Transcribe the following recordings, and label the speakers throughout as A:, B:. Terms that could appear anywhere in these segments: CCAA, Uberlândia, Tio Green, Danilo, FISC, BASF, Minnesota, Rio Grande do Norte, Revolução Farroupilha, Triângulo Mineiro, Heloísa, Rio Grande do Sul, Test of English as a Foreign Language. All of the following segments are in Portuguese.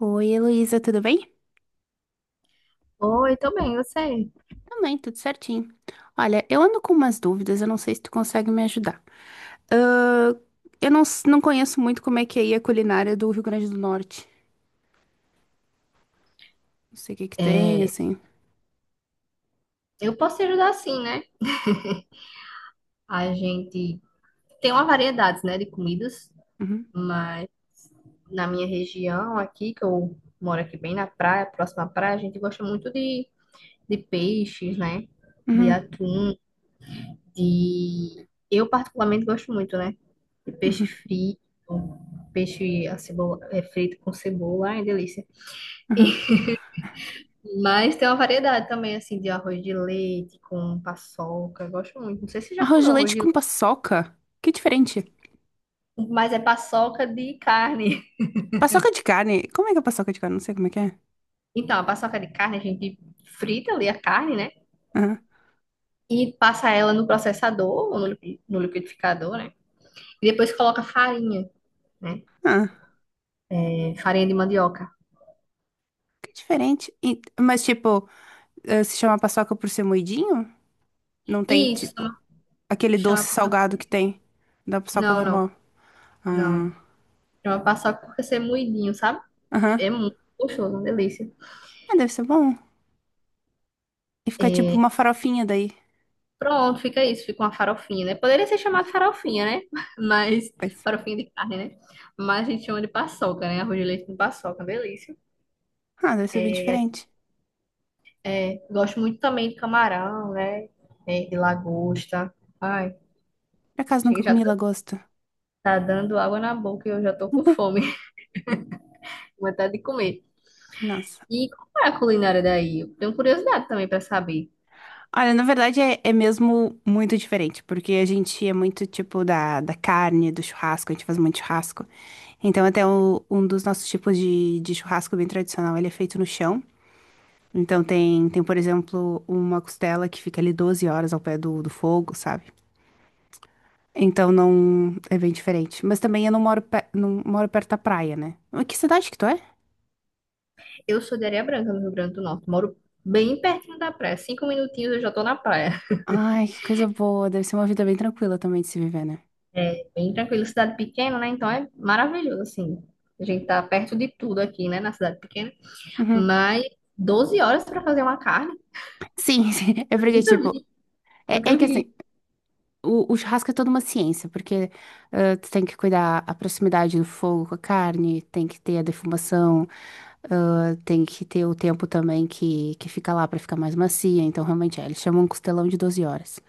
A: Oi, Heloísa, tudo bem?
B: Oi, tô bem, você?
A: Também, tudo certinho. Olha, eu ando com umas dúvidas, eu não sei se tu consegue me ajudar. Ah, eu não, não conheço muito como é que é aí a culinária do Rio Grande do Norte. Não sei o que que
B: É,
A: tem, assim.
B: eu posso te ajudar sim, né? A gente tem uma variedade, né, de comidas,
A: Uhum,
B: mas na minha região aqui, que eu moro aqui bem na praia, próxima à praia, a gente gosta muito de peixes, né? De
A: uhum,
B: atum, de... Eu particularmente gosto muito, né? De peixe
A: uhum,
B: frito, peixe a cebola, frito com cebola, ai, delícia.
A: uhum.
B: Mas tem uma variedade também, assim, de arroz de leite com paçoca, eu gosto muito. Não sei se você já
A: Arroz de
B: comeu arroz
A: leite
B: de
A: com
B: leite.
A: paçoca? Que diferente.
B: Mas é paçoca de carne.
A: Paçoca de carne? Como é que é paçoca de carne? Não sei como é que é.
B: Então, a paçoca de carne, a gente frita ali a carne, né?
A: Aham,
B: E passa ela no processador, ou no no liquidificador, né? E depois coloca farinha, né?
A: ah,
B: É, farinha de mandioca.
A: que diferente. Mas, tipo, ah, se chama paçoca por ser moidinho? Não tem,
B: E isso
A: tipo, aquele doce
B: chama paçoca.
A: salgado que tem da paçoca
B: Não, não,
A: normal. Ah,
B: não. Chama paçoca porque você é moidinho, sabe?
A: aham.
B: É muito gostoso, uma delícia.
A: Ah, deve ser bom. E fica tipo uma farofinha daí.
B: Pronto, fica isso. Fica uma farofinha, né? Poderia ser chamado farofinha, né? Mas,
A: Pois.
B: farofinha de carne, né? Mas a gente chama de paçoca, né? Arroz de leite com paçoca, delícia.
A: Ah, deve ser bem
B: É,
A: diferente.
B: Gosto muito também de camarão, né? É, de lagosta. Ai,
A: Por acaso
B: chega,
A: nunca
B: já
A: comi
B: tá
A: lagosta.
B: tá dando água na boca e eu já tô com fome, com vontade de comer.
A: Nossa.
B: E como é a culinária daí? Eu tenho curiosidade também pra saber.
A: Olha, na verdade é mesmo muito diferente, porque a gente é muito tipo da carne, do churrasco, a gente faz muito churrasco. Então, até o- um dos nossos tipos de churrasco bem tradicional, ele é feito no chão. Então, tem, por exemplo, uma costela que fica ali 12 horas ao pé do fogo, sabe? Então não é bem diferente. Mas também eu não moro, não moro perto da praia, né? Mas, que cidade que tu é?
B: Eu sou de Areia Branca, no Rio Grande do Norte. Moro bem pertinho da praia. 5 minutinhos eu já tô na praia.
A: Ai, que coisa boa. Deve ser uma vida bem tranquila também de se viver, né?
B: É bem tranquilo, cidade pequena, né? Então é maravilhoso, assim. A gente tá perto de tudo aqui, né? Na cidade pequena.
A: Uhum.
B: Mas 12 horas pra fazer uma carne?
A: Sim, sim. É porque,
B: Nunca
A: tipo,
B: vi,
A: é,
B: nunca
A: é que
B: vi.
A: assim, o churrasco é toda uma ciência, porque tu tem que cuidar a proximidade do fogo com a carne, tem que ter a defumação, tem que ter o tempo também que fica lá pra ficar mais macia. Então, realmente, é, eles chamam um costelão de 12 horas.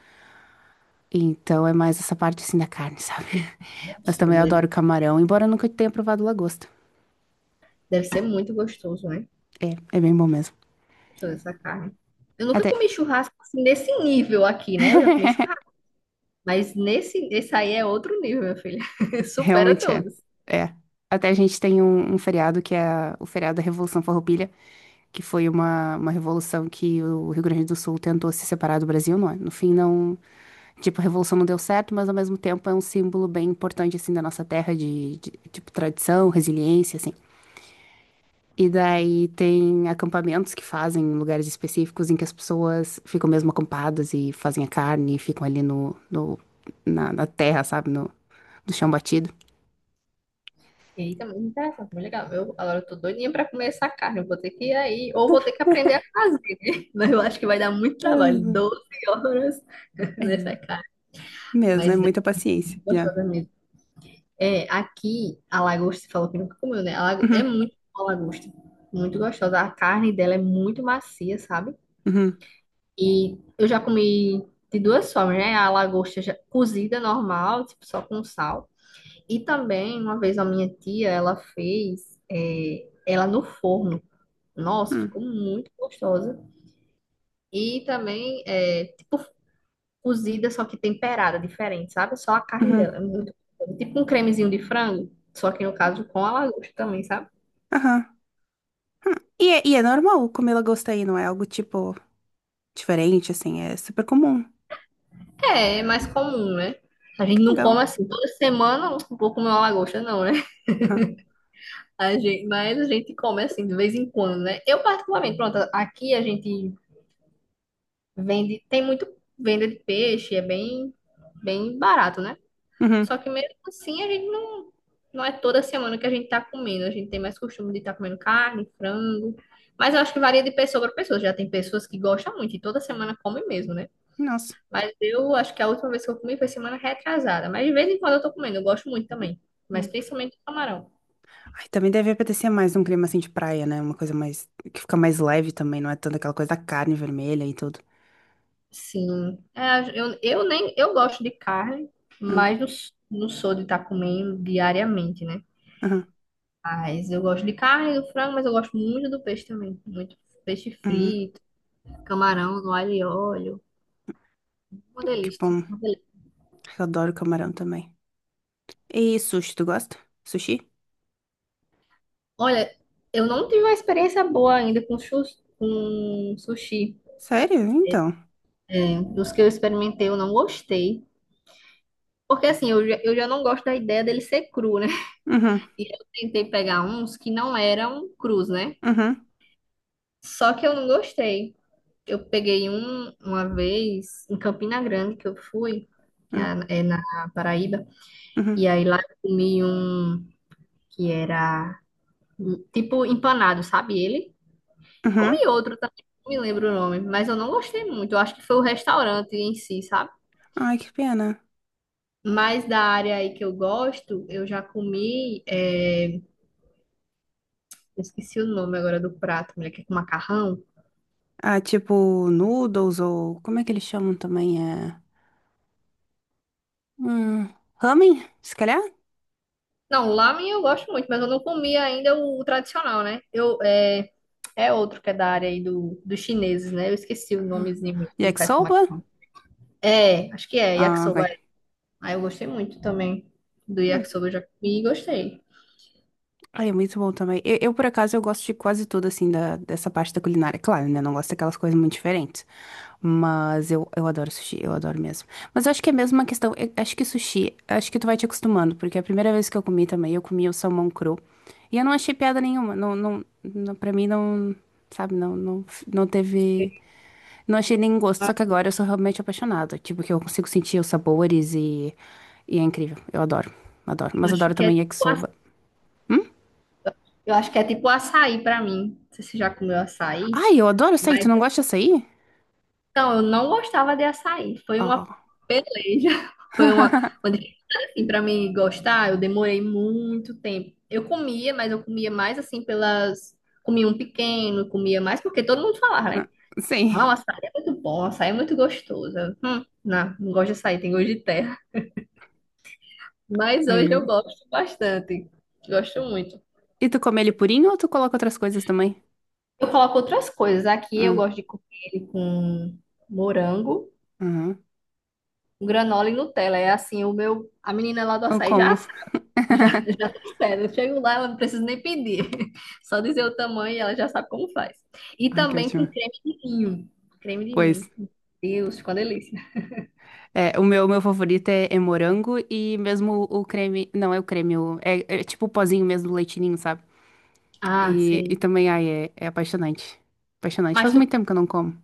A: Então, é mais essa parte assim da carne, sabe? Mas também eu adoro camarão, embora eu nunca tenha provado lagosta.
B: Deve ser muito gostoso, né?
A: É bem bom mesmo.
B: Toda essa carne. Eu nunca
A: Até.
B: comi churrasco assim, nesse nível aqui, né? Eu já comi churrasco, mas nesse, esse aí é outro nível, meu filho. Supera
A: Realmente é.
B: todos.
A: É. Até a gente tem um feriado que é o feriado da Revolução Farroupilha, que foi uma revolução que o Rio Grande do Sul tentou se separar do Brasil, não é? No fim, não. Tipo, a revolução não deu certo, mas ao mesmo tempo é um símbolo bem importante, assim, da nossa terra, de tipo, tradição, resiliência, assim. E daí tem acampamentos que fazem em lugares específicos em que as pessoas ficam mesmo acampadas e fazem a carne e ficam ali na terra, sabe? No, no chão batido.
B: E aí também me interessa, muito legal. Eu, agora eu tô doidinha pra comer essa carne. Eu vou ter que ir aí, ou vou ter que aprender a fazer, né? Mas eu acho que vai dar muito trabalho.
A: Mesmo.
B: 12 horas
A: É,
B: nessa carne.
A: mesmo,
B: Mas
A: é
B: é
A: muita paciência.
B: muito
A: Yeah.
B: gostosa mesmo. É, aqui, a lagosta, você falou que nunca comeu, né? A é
A: Uhum,
B: muito boa a lagosta. Muito gostosa. A carne dela é muito macia, sabe?
A: uhum,
B: E eu já comi de duas formas, né? A cozida normal, tipo só com sal. E também, uma vez a minha tia, ela fez ela no forno. Nossa,
A: uhum,
B: ficou muito gostosa. E também, é, tipo, cozida, só que temperada, diferente, sabe? Só a carne
A: uhum,
B: dela. É muito gostosa. Tipo um cremezinho de frango, só que no caso com a lagosta também, sabe?
A: aham, hum. E é normal comer lagosta aí, não é algo tipo diferente, assim, é super comum.
B: É, é mais comum, né? A
A: Que
B: gente não come
A: legal.
B: assim toda semana, um pouco comer uma lagosta, não, né?
A: Aham,
B: Mas a gente come assim de vez em quando, né? Eu particularmente, pronto, aqui a gente vende, tem muito venda de peixe, é bem barato, né?
A: uhum,
B: Só que mesmo assim a gente não, não é toda semana que a gente tá comendo, a gente tem mais costume de estar comendo carne, frango. Mas eu acho que varia de pessoa para pessoa. Já tem pessoas que gostam muito e toda semana comem mesmo, né?
A: nossa.
B: Mas eu acho que a última vez que eu comi foi semana retrasada. Mas de vez em quando eu tô comendo, eu gosto muito também. Mas
A: Hum.
B: principalmente do camarão.
A: Ai, também deve apetecer mais um clima assim de praia, né? Uma coisa mais, que fica mais leve também, não é tanto aquela coisa da carne vermelha e tudo.
B: Sim. É, eu nem eu gosto de carne,
A: Hum,
B: mas não sou de estar comendo diariamente, né?
A: aham,
B: Mas eu gosto de carne, do frango, mas eu gosto muito do peixe também. Muito peixe
A: hum,
B: frito, camarão no alho e óleo. Uma
A: que
B: delícia.
A: bom.
B: Uma delícia.
A: Eu adoro camarão também. E sushi, tu gosta? Sushi?
B: Olha, eu não tive uma experiência boa ainda com sushi.
A: Sério? Então.
B: Dos que eu experimentei, eu não gostei. Porque assim, eu já não gosto da ideia dele ser cru, né?
A: Uhum,
B: E eu tentei pegar uns que não eram crus, né?
A: uhum,
B: Só que eu não gostei. Eu peguei uma vez em Campina Grande que eu fui, que
A: uhum,
B: é na Paraíba, e
A: uhum.
B: aí lá eu comi um que era tipo empanado, sabe ele? E
A: Uhum.
B: comi outro também, não me lembro o nome, mas eu não gostei muito. Eu acho que foi o restaurante em si, sabe?
A: Ai, que pena.
B: Mas da área aí que eu gosto, eu já comi, é, eu esqueci o nome agora do prato, mulher, que é com macarrão.
A: Ah, tipo noodles ou. Como é que eles chamam também? É. Hum, ramen, se calhar?
B: Não, lamen eu gosto muito, mas eu não comi ainda o tradicional, né? É outro que é da área aí dos chineses, né? Eu esqueci o nomezinho que faz com
A: Yakisoba?
B: macarrão. É, acho que é,
A: Ah,
B: yakisoba.
A: ok.
B: Aí eu gostei muito também do
A: Hum.
B: yakisoba, eu já comi e gostei.
A: Ai, é muito bom também. Eu, por acaso, eu gosto de quase tudo, assim, dessa parte da culinária. Claro, né? Não gosto daquelas coisas muito diferentes. Mas eu adoro sushi, eu adoro mesmo. Mas eu acho que é mesmo uma questão. Eu acho que sushi, acho que tu vai te acostumando, porque a primeira vez que eu comi também, eu comi o salmão cru. E eu não achei piada nenhuma. Não, não, não, pra mim, não. Sabe, não, não, não teve. Não achei nenhum gosto. Só que agora eu sou realmente apaixonada. Tipo, que eu consigo sentir os sabores e. E é incrível. Eu adoro, adoro.
B: Eu
A: Mas
B: acho
A: adoro
B: que é
A: também yakisoba. Hum?
B: eu acho que é tipo açaí pra mim. Não sei se você já comeu açaí,
A: Ai, eu adoro açaí. Tu
B: mas
A: não gosta de açaí?
B: então, eu não gostava de açaí. Foi
A: Ó.
B: uma peleja. Foi uma, uma dificuldade, assim, para mim gostar. Eu demorei muito tempo. Eu comia, mas eu comia mais assim pelas. Comia um pequeno, comia mais porque todo mundo falava, né?
A: Sim.
B: Não, açaí é muito bom, açaí é muito gostoso. Eu, não, não gosto de açaí, tem gosto de terra. Mas
A: Aí
B: hoje eu
A: eu.
B: gosto bastante. Gosto muito.
A: E tu come ele purinho ou tu coloca outras coisas também?
B: Eu coloco outras coisas. Aqui eu
A: Hum,
B: gosto de comer ele com morango,
A: uhum.
B: granola e Nutella. É assim, o meu. A menina lá do
A: Eu
B: açaí já
A: como.
B: Já, já tá certo. Eu chego lá, ela não precisa nem pedir. Só dizer o tamanho e ela já sabe como faz. E
A: Ai, que
B: também
A: ótimo.
B: com creme de ninho. Creme de
A: Pois.
B: ninho. Deus, ficou uma delícia.
A: É, o meu favorito é morango e mesmo o creme. Não é o creme, é tipo o pozinho mesmo do leitinho, sabe?
B: Ah,
A: E
B: sei.
A: também, ai, é apaixonante. Apaixonante.
B: Mas
A: Faz
B: tu,
A: muito tempo que eu não como.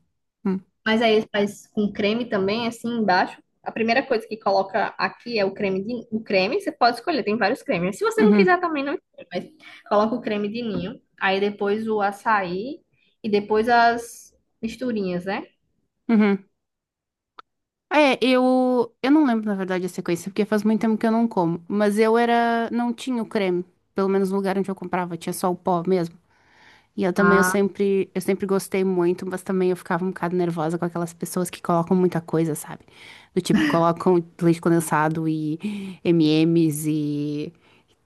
A: Hum.
B: mas aí ele faz com creme também, assim, embaixo. A primeira coisa que coloca aqui é o o creme, você pode escolher, tem vários cremes. Se você não
A: Uhum,
B: quiser também não, escolhe, mas coloca o creme de ninho, aí depois o açaí e depois as misturinhas, né?
A: uhum. É, eu não lembro, na verdade, a sequência, porque faz muito tempo que eu não como. Mas eu era, não tinha o creme, pelo menos no lugar onde eu comprava, tinha só o pó mesmo. E eu também, eu
B: Ah,
A: sempre, eu sempre gostei muito, mas também eu ficava um bocado nervosa com aquelas pessoas que colocam muita coisa, sabe? Do tipo, colocam leite condensado e M&M's e, M's e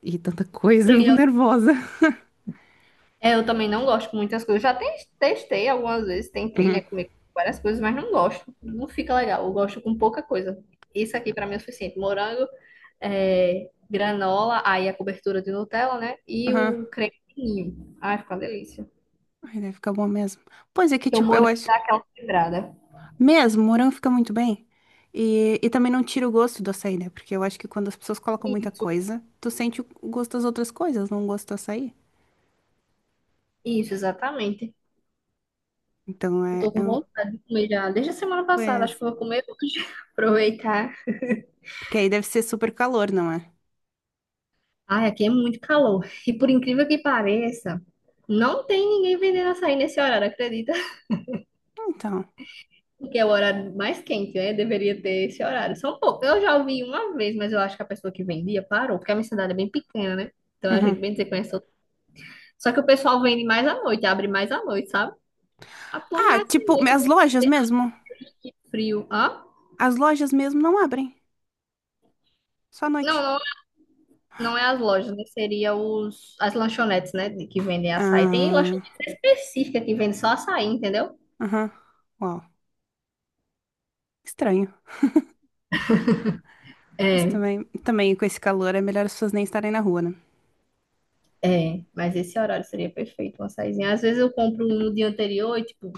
A: e tanta coisa, eu fico nervosa.
B: é, eu também não gosto de muitas coisas. Já testei algumas vezes, tentei, né,
A: Uhum.
B: comer várias coisas, mas não gosto. Não fica legal. Eu gosto com pouca coisa. Isso aqui pra mim é o suficiente. Morango, é, granola, aí a cobertura de Nutella, né? E
A: Aham.
B: o creme de ninho. Ai, fica uma delícia.
A: Ai, deve ficar bom mesmo. Pois é que,
B: Porque o
A: tipo, eu
B: morango
A: acho.
B: dá aquela quebrada.
A: Mesmo, morango fica muito bem. E também não tira o gosto do açaí, né? Porque eu acho que quando as pessoas colocam muita
B: Isso,
A: coisa, tu sente o gosto das outras coisas, não o gosto do açaí.
B: isso, exatamente.
A: Então
B: Eu
A: é,
B: tô com vontade de comer já desde a semana passada. Acho
A: pois,
B: que eu vou comer hoje. Aproveitar.
A: porque aí deve ser super calor, não é?
B: Ai, aqui é muito calor. E por incrível que pareça, não tem ninguém vendendo açaí nesse horário, acredita?
A: Então.
B: Porque é o horário mais quente, né? Deveria ter esse horário. São poucos. Eu já ouvi uma vez, mas eu acho que a pessoa que vendia parou, porque a minha cidade é bem pequena, né? Então a
A: Uhum.
B: gente bem dizer conhece outra. Só que o pessoal vende mais à noite, abre mais à noite, sabe? Ah, por
A: Ah,
B: mais que
A: tipo,
B: noite
A: as lojas mesmo.
B: que frio. Hã?
A: As lojas mesmo não abrem. Só à
B: Não,
A: noite.
B: não, não é as lojas, né? Seria as lanchonetes, né? Que vendem açaí. Tem
A: Ah,
B: lanchonete específica que vende só açaí, entendeu?
A: aham. Uau. Estranho. Mas
B: É.
A: também, também com esse calor é melhor as pessoas nem estarem na rua, né?
B: É, mas esse horário seria perfeito, uma açaizinho. Às vezes eu compro um no dia anterior e, tipo,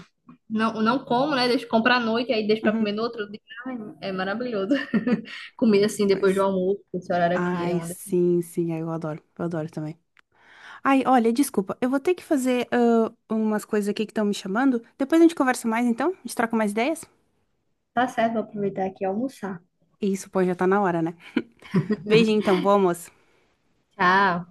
B: não como, né? Deixo comprar à noite, aí deixo pra
A: Uhum,
B: comer no outro dia. Ai, é maravilhoso. Comer assim depois do
A: pois.
B: almoço, esse horário aqui é
A: Ai,
B: uma...
A: sim, sim. Ai, eu adoro. Eu adoro também. Ai, olha, desculpa, eu vou ter que fazer umas coisas aqui que estão me chamando. Depois a gente conversa mais, então? A gente troca mais ideias?
B: Tá certo, vou aproveitar aqui e almoçar.
A: Isso, pô, já tá na hora, né? Beijinho, então, bom almoço.
B: Tchau.